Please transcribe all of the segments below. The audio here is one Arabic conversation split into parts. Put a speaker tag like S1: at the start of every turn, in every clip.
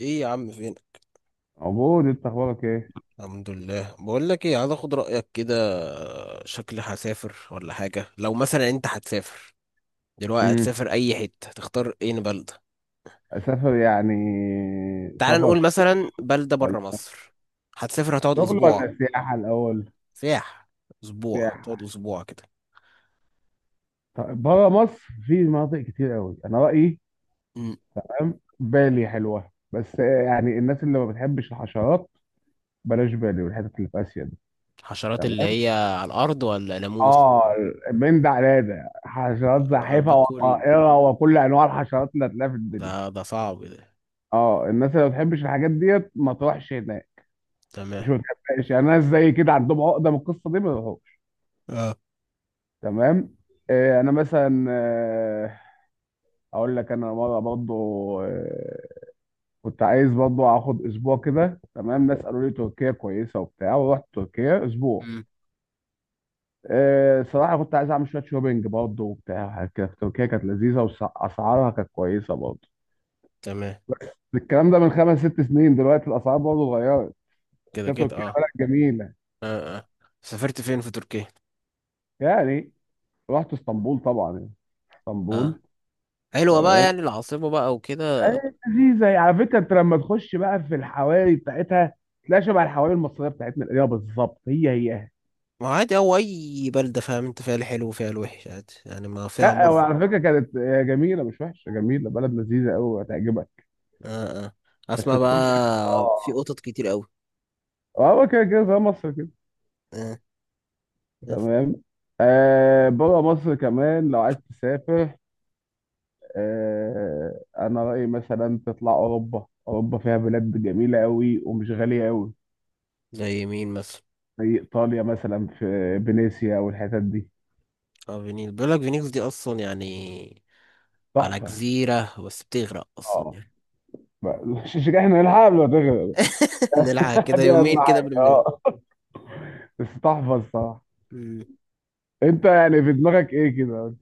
S1: ايه يا عم، فين؟
S2: عبود انت اخبارك ايه؟
S1: الحمد لله. بقول لك ايه، عايز اخد رايك كده. شكلي هسافر ولا حاجه. لو مثلا انت هتسافر دلوقتي،
S2: امم
S1: هتسافر اي حته، تختار ايه بلده؟
S2: اسافر يعني
S1: تعال
S2: سفر
S1: نقول
S2: ش-
S1: مثلا بلده
S2: ولا
S1: بره مصر. هتسافر هتقعد
S2: شغل
S1: اسبوع؟
S2: ولا سياحه الاول؟
S1: سياح. اسبوع،
S2: سياحه.
S1: تقعد اسبوع كده.
S2: طيب بره مصر في مناطق كتير قوي انا رايي،
S1: أمم.
S2: فاهم، بالي حلوه، بس يعني الناس اللي ما بتحبش الحشرات بلاش بالي والحتت اللي في اسيا دي.
S1: حشرات اللي
S2: تمام؟
S1: هي على الارض ولا ناموس؟
S2: اه، من ده على ده حشرات
S1: آه،
S2: زاحفه وطائره وكل انواع الحشرات اللي هتلاقيها في
S1: ده
S2: الدنيا.
S1: ده صعب ده.
S2: اه الناس اللي ما بتحبش الحاجات ديت ما تروحش هناك، مش
S1: تمام.
S2: ما تحبهاش يعني، ناس زي كده عندهم عقده من القصه دي ما يروحوش.
S1: اه.
S2: تمام. انا مثلا اقول لك، انا مره برضو آه، كنت عايز برضو اخد اسبوع كده. تمام، ناس قالوا لي تركيا كويسه وبتاع، ورحت تركيا اسبوع.
S1: أمم.
S2: صراحه كنت عايز اعمل شويه شوبينج برضو وبتاع، وحاجات كده في تركيا كانت لذيذه، واسعارها كانت كويسه برضو.
S1: تمام.
S2: الكلام ده من 5 6 سنين، دلوقتي الاسعار برضو اتغيرت، بس
S1: كده
S2: هي
S1: كده،
S2: تركيا
S1: اه.
S2: بلد جميله.
S1: اه، اه. سافرت فين في تركيا؟
S2: يعني رحت اسطنبول طبعا، يعني
S1: اه.
S2: اسطنبول.
S1: حلوة بقى
S2: تمام،
S1: يعني، العاصمة بقى وكده؟
S2: أيوة لذيذة. يعني على فكرة أنت لما تخش بقى في الحواري بتاعتها تلاقي شبه الحواري المصرية بتاعتنا القديمة بالظبط، هي هي.
S1: ما عادي أو أي بلدة، فاهم أنت، فيها الحلو وفيها الوحش، عادي يعني، ما فيها
S2: لا
S1: مصر.
S2: وعلى فكرة كانت جميلة، مش وحشة، جميلة، بلد لذيذة أوي، هتعجبك.
S1: آه، آه.
S2: بس
S1: أسمع
S2: تخش في،
S1: بقى، في
S2: آه،
S1: قطط كتير أوي.
S2: آه كده كده زي مصر كده.
S1: آه. آه.
S2: تمام. آه بره مصر كمان لو عايز تسافر، آه أنا رأيي مثلا تطلع أوروبا، أوروبا فيها بلاد جميلة أوي ومش غالية أوي.
S1: زي مين مثلا؟
S2: زي إيطاليا مثلا، في فينيسيا والحتت دي،
S1: آه، فينيكس، بيقول لك فينيكس دي أصلا يعني، على
S2: تحفة.
S1: جزيرة بس بتغرق أصلا
S2: اه،
S1: يعني.
S2: مش مش احنا نلحق قبل ما تغرق.
S1: نلحق كده
S2: دي اهم
S1: يومين كده
S2: حاجه،
S1: قبل ما-.
S2: اه، بس تحفظ صح.
S1: مم.
S2: انت يعني في دماغك ايه كده؟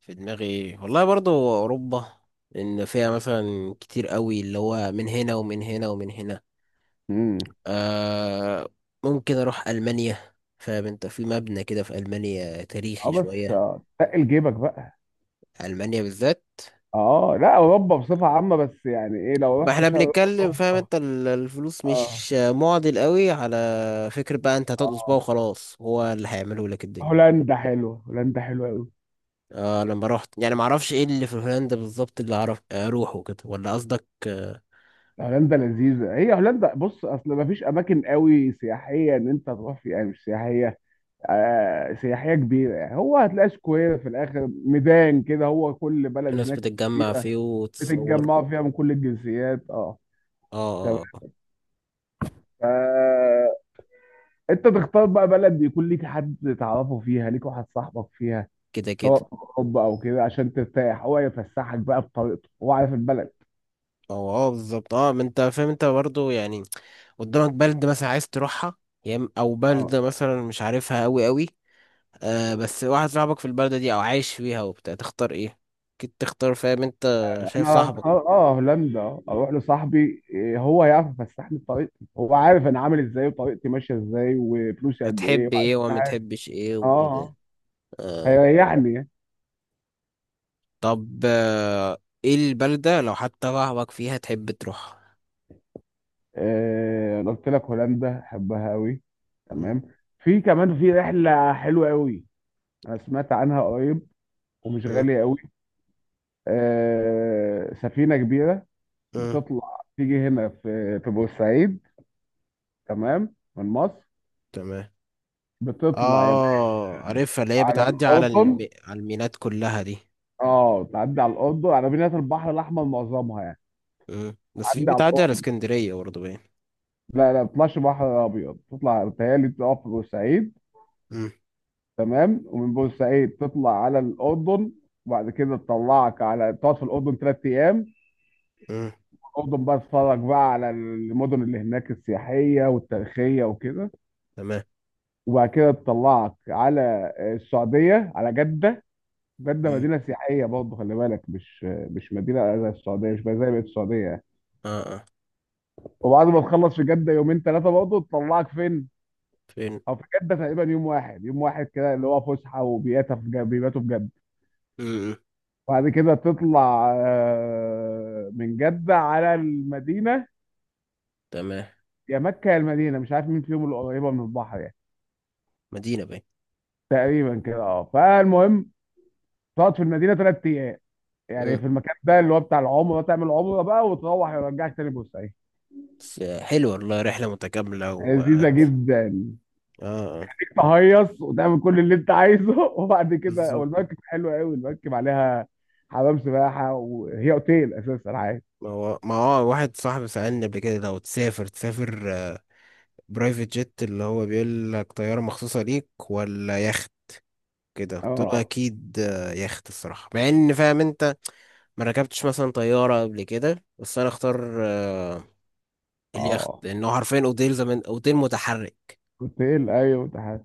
S1: في دماغي والله برضو أوروبا. إن فيها مثلا كتير أوي اللي هو، من هنا ومن هنا ومن هنا.
S2: امم
S1: آه. ممكن اروح المانيا، فاهم انت، في مبنى كده في المانيا
S2: اه
S1: تاريخي
S2: بس
S1: شويه.
S2: تقل جيبك بقى.
S1: المانيا بالذات.
S2: اه، لا، اوروبا بصفه عامه، بس يعني ايه لو
S1: ما
S2: رحت
S1: احنا
S2: شرق
S1: بنتكلم، فاهم
S2: اوروبا.
S1: انت، الفلوس
S2: اه
S1: مش معضل قوي على فكره بقى. انت هتدقص بقى
S2: اه،
S1: وخلاص، هو اللي هيعمله لك الدنيا.
S2: هولندا حلوه، هولندا حلوه قوي.
S1: آه، لما رحت يعني، ما اعرفش ايه اللي في هولندا بالظبط اللي اعرف اروحه كده، ولا قصدك؟ آه.
S2: هولندا لذيذه، هي هولندا بص، اصل ما فيش اماكن قوي سياحيه ان انت تروح فيها، يعني مش سياحيه آه سياحيه كبيره. يعني هو هتلاقي سكوير في الاخر، ميدان كده، هو كل بلد
S1: الناس
S2: هناك
S1: بتتجمع
S2: كبيره
S1: فيه وتصور.
S2: بتتجمعوا فيها من كل الجنسيات، اه.
S1: اه،
S2: تمام.
S1: آه. آه.
S2: فانت تختار بقى بلد يكون ليك حد تعرفه فيها، ليك واحد صاحبك فيها،
S1: كده
S2: سواء
S1: كده.
S2: في الحب او كده، عشان ترتاح، هو يفسحك بقى بطريقته، هو عارف البلد.
S1: اه. اه، بالظبط، اه. ما انت فاهم انت برضو يعني، قدامك بلد مثلا عايز تروحها، او
S2: اه،
S1: بلد مثلا مش عارفها قوي قوي. آه، بس واحد صاحبك في البلدة دي او عايش فيها وبتاع، تختار ايه؟ اكيد تختار، فاهم انت. شايف
S2: انا اه،
S1: صاحبك.
S2: هولندا. اروح لصاحبي، هو هيعرف يفسحني بطريقتي، هو عارف انا عامل ازاي، وطريقتي ماشيه ازاي، وفلوسي قد ايه،
S1: هتحب
S2: وعارف
S1: ايه
S2: كل
S1: وما
S2: حاجه.
S1: تحبش ايه
S2: اه،
S1: وكده.
S2: آه،
S1: آه.
S2: هيريحني.
S1: طب، آه. ايه البلدة لو حتى صاحبك فيها تحب تروحها؟
S2: انا قلت لك هولندا احبها قوي.
S1: م-
S2: تمام. في كمان في رحله حلوه قوي، انا سمعت عنها قريب، ومش غالية
S1: م-
S2: قوي. آه، سفينة كبيرة
S1: م.
S2: بتطلع تيجي هنا في بورسعيد، تمام، من مصر.
S1: تمام.
S2: بتطلع يا باشا
S1: اه، عارفها اللي هي
S2: على
S1: بتعدي على
S2: الأردن،
S1: على الميناء كلها دي.
S2: اه، تعدي على الأردن، على مدينة البحر الأحمر معظمها يعني.
S1: م. بس في،
S2: تعدي على
S1: بتعدي على
S2: الأردن.
S1: اسكندرية برضه باين.
S2: لا لا ما بتطلعش بحر أبيض، تطلع بتهيألي تقف في بورسعيد،
S1: م-
S2: تمام، ومن بورسعيد تطلع على الأردن، وبعد كده تطلعك على، تقعد في الأردن 3 أيام.
S1: م.
S2: الاردن بقى اتفرج بقى على المدن اللي هناك السياحيه والتاريخيه وكده.
S1: تمام.
S2: وبعد كده تطلعك على السعوديه، على جده. جده
S1: م.
S2: مدينه سياحيه برضه، خلي بالك، مش مدينه زي السعوديه، مش زي بقيه السعوديه يعني.
S1: اه، اه.
S2: وبعد ما تخلص في جده يومين ثلاثه، برضه تطلعك فين؟
S1: فين؟
S2: او في جده تقريبا يوم واحد، يوم واحد كده، اللي هو فسحه وبياتا في جده، بيباتوا في جده.
S1: امم.
S2: وبعد كده تطلع من جده على المدينه،
S1: تمام.
S2: يا مكه يا المدينه، مش عارف مين فيهم اللي قريبه من البحر يعني.
S1: مدينة باين.
S2: تقريبا كده، اه، فالمهم تقعد في المدينه 3 ايام، يعني
S1: امم.
S2: في المكان ده اللي هو بتاع العمره، تعمل عمره بقى، وتروح يرجعك تاني بورسعيد.
S1: بس حلوة والله، رحلة متكاملة
S2: يعني
S1: و اه.
S2: لذيذه جدا،
S1: آه.
S2: تهيص وتعمل كل اللي انت عايزه وبعد كده،
S1: بالظبط.
S2: والمركب حلوه قوي المركب، عليها حمام سباحه، وهي اوتيل اساسا عادي.
S1: ما هو واحد صاحبي سألني قبل كده، لو تسافر، تسافر برايفت جيت، اللي هو بيقول لك طيارة مخصوصة ليك ولا يخت كده، قلت له
S2: اه،
S1: اكيد يخت الصراحة، مع ان فاهم انت ما ركبتش مثلا طيارة قبل كده، بس انا اختار اليخت
S2: اه،
S1: لانه حرفيا اوتيل، زمان اوتيل متحرك.
S2: اوتيل، ايوه ده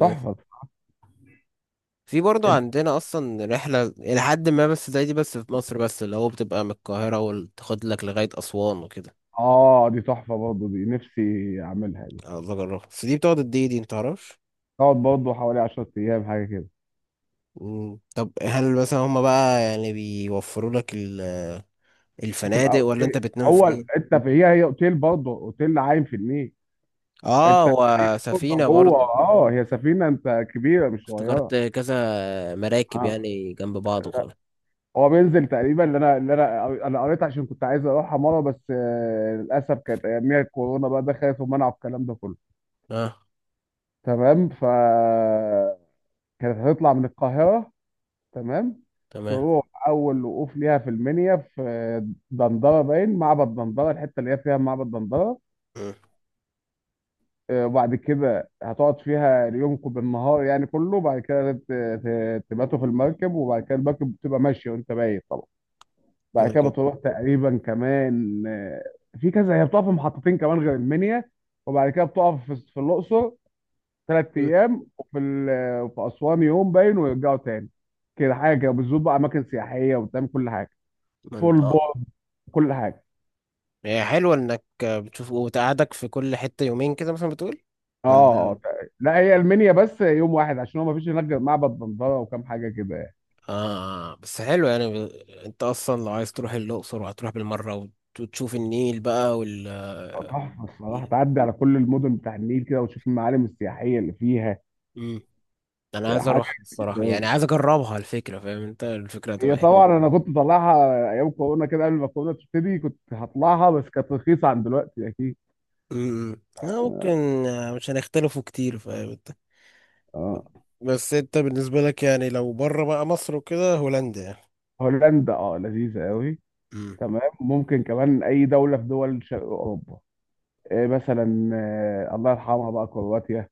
S1: بس في برضو عندنا اصلا رحله الى حد ما بس زي دي، بس في مصر بس، اللي هو بتبقى من القاهره وتاخد لك لغايه اسوان وكده.
S2: اه دي تحفه برضه، دي نفسي اعملها دي.
S1: عايز اجربها، بس دي بتقعد قد ايه دي، انت تعرفش؟
S2: تقعد برضه حوالي 10 ايام حاجه كده.
S1: مم. طب، هل مثلا هما بقى يعني بيوفروا لك
S2: بتبقى
S1: الفنادق ولا انت
S2: اوتيل،
S1: بتنام فين؟
S2: انت في، هي هي اوتيل برضه، اوتيل عايم في النيل.
S1: اه،
S2: انت بتبقى
S1: وسفينه
S2: جوه،
S1: برضو؟
S2: اه، هي سفينه انت كبيره مش
S1: افتكرت
S2: صغيره.
S1: كذا مراكب
S2: اه،
S1: يعني جنب بعض وخلاص.
S2: هو بينزل تقريبا، اللي انا اللي انا انا قريت عشان كنت عايز اروحها مره، بس للاسف كانت اياميها الكورونا بقى دخلت ومنعوا الكلام ده كله.
S1: اه.
S2: تمام، ف كانت هتطلع من القاهره، تمام،
S1: تمام.
S2: تروح اول وقوف ليها في المنيا، في دندره باين، معبد دندره، الحته اللي هي فيها معبد دندره.
S1: مم.
S2: وبعد كده هتقعد فيها يومكم بالنهار يعني كله، بعد كده تباتوا في المركب، وبعد كده المركب بتبقى ماشية وانت بايت طبعا. بعد
S1: كده
S2: كده
S1: كده.
S2: بتروح تقريبا كمان، في كذا، هي بتقف في محطتين كمان غير المنيا، وبعد كده بتقف في الأقصر ثلاث
S1: مم.
S2: أيام وفي في أسوان يوم باين، ويرجعوا تاني. كده حاجة كده، بتزور بقى أماكن سياحية وبتعمل كل حاجة،
S1: ما انت،
S2: فول
S1: اه.
S2: بورد، كل حاجة.
S1: هي حلوه انك بتشوف وتقعدك في كل حته يومين كده مثلا، بتقول
S2: اه،
S1: ولا؟
S2: لا هي المنيا بس يوم واحد، عشان هو مفيش هناك غير معبد دندرة وكام حاجة كده.
S1: آه، آه. بس حلو يعني انت اصلا لو عايز تروح الاقصر وهتروح بالمره، وتشوف النيل بقى وال
S2: تحفة الصراحة، تعدي على كل المدن بتاع النيل كده، وتشوف المعالم السياحية اللي فيها
S1: امم. انا عايز
S2: حاجة
S1: اروح
S2: كتير
S1: الصراحه
S2: أوي.
S1: يعني، عايز اجربها الفكره، فاهم انت، الفكره هتبقى
S2: هي
S1: حلوه.
S2: طبعا أنا كنت طالعها أيام كورونا كده، قبل ما كورونا تبتدي كنت هطلعها، بس كانت رخيصة عن دلوقتي أكيد.
S1: امم، انا ممكن آه، مش هنختلفوا كتير، فاهم انت.
S2: اه،
S1: بس انت بالنسبه لك يعني، لو بره بقى مصر وكده، هولندا يعني؟
S2: هولندا اه لذيذة أوي.
S1: امم.
S2: تمام، ممكن كمان أي دولة في دول شرق أوروبا. إيه مثلا، الله يرحمها بقى، كرواتيا،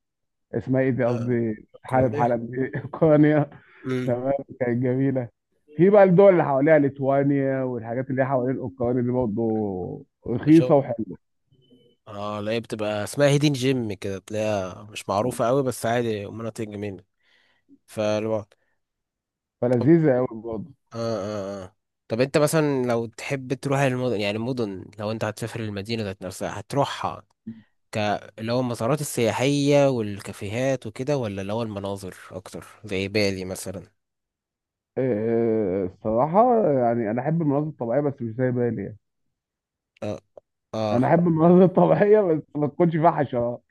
S2: اسمها إيه دي،
S1: آه.
S2: قصدي حالب،
S1: اوكرانيا.
S2: حلب دي أوكرانيا.
S1: امم.
S2: تمام، كانت جميله. في بقى الدول اللي حواليها، ليتوانيا والحاجات اللي هي حوالين اوكرانيا دي برضه
S1: شو؟
S2: رخيصه وحلوه،
S1: اه، لا هي بتبقى اسمها هيدين جيم كده، تلاقيها مش معروفه قوي بس عادي مناطق جميله فالوقت.
S2: فلذيذه قوي برضه.
S1: اه، اه، اه. طب، انت مثلا لو تحب تروح المدن يعني، المدن، لو انت هتسافر المدينة ذات نفسها هتروحها، ك اللي هو المسارات السياحية والكافيهات وكده، ولا اللي هو المناظر أكتر زي بالي مثلا؟
S2: الصراحه يعني انا احب المناظر الطبيعيه، بس مش زي بالي يعني.
S1: اه. اه.
S2: انا احب المناظر الطبيعيه بس ما تكونش فيها حشرات،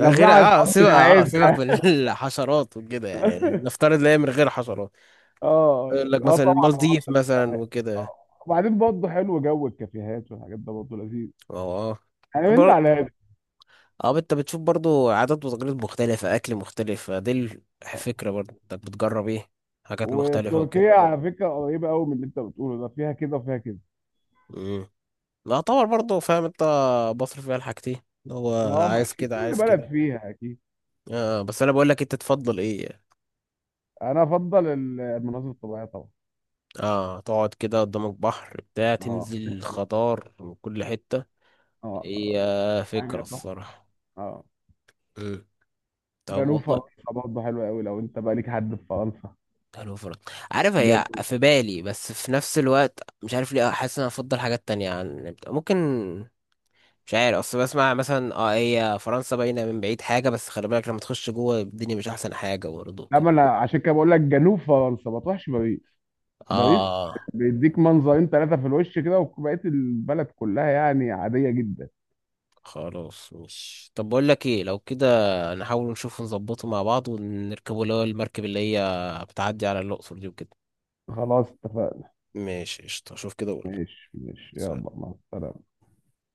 S1: آه،
S2: لو فيها
S1: غير
S2: حشرات
S1: سيبك
S2: مش
S1: اه سيبك
S2: عايزها
S1: من الحشرات وكده يعني، نفترض لا، هي من غير حشرات.
S2: اه،
S1: يقول لك
S2: اه
S1: مثلا
S2: طبعا المناظر
S1: المالديف مثلا
S2: الطبيعية.
S1: وكده.
S2: آه. وبعدين برضه حلو جو الكافيهات والحاجات ده برضه لذيذ.
S1: اه. آه.
S2: انا من ده على ده.
S1: اه، انت بتشوف برضو عادات وتقاليد مختلفة، اكل مختلف دي الفكرة برضو، انك بتجرب ايه حاجات مختلفة
S2: وتركيا
S1: وكده.
S2: على فكره قريبه قوي من اللي انت بتقوله ده، فيها كده وفيها كده.
S1: امم. يعتبر برضو، فاهم انت، بصرف فيها الحاجتين اللي هو
S2: اه، ما
S1: عايز
S2: اكيد
S1: كده
S2: كل
S1: عايز
S2: بلد
S1: كده.
S2: فيها اكيد.
S1: اه، بس انا بقول لك، انت تفضل ايه؟
S2: انا افضل المناظر الطبيعيه طبعا.
S1: اه، تقعد كده قدامك بحر بتاع،
S2: اه
S1: تنزل
S2: فعلا.
S1: خضار من كل حتة. هي
S2: اه، الحاجه
S1: فكرة
S2: تحفه،
S1: الصراحة.
S2: اه.
S1: امم. طب
S2: جنوب
S1: والله.
S2: فرنسا برضه حلوه قوي لو انت بقى ليك حد في فرنسا،
S1: حلو فرق. عارف، هي
S2: جنوب.
S1: في بالي بس في نفس الوقت مش عارف ليه، حاسس ان انا افضل حاجات تانية، عن ممكن مش عارف اصل بسمع مثلا، اه، هي فرنسا باينه من بعيد حاجه، بس خلي بالك لما تخش جوه الدنيا مش احسن حاجه برضه كده.
S2: لما انا عشان كده بقول لك جنوب فرنسا، ما تروحش باريس. باريس
S1: اه.
S2: بيديك منظرين 3 في الوش كده، وبقيه البلد كلها يعني عاديه جدا.
S1: خلاص، مش، طب بقول لك ايه، لو كده نحاول نشوف نظبطه مع بعض ونركبه، اللي هو المركب اللي هي بتعدي على الاقصر دي وكده.
S2: خلاص اتفقنا.
S1: ماشي، قشطه، شوف كده. وقول
S2: ماشي ماشي يلا مع السلامه.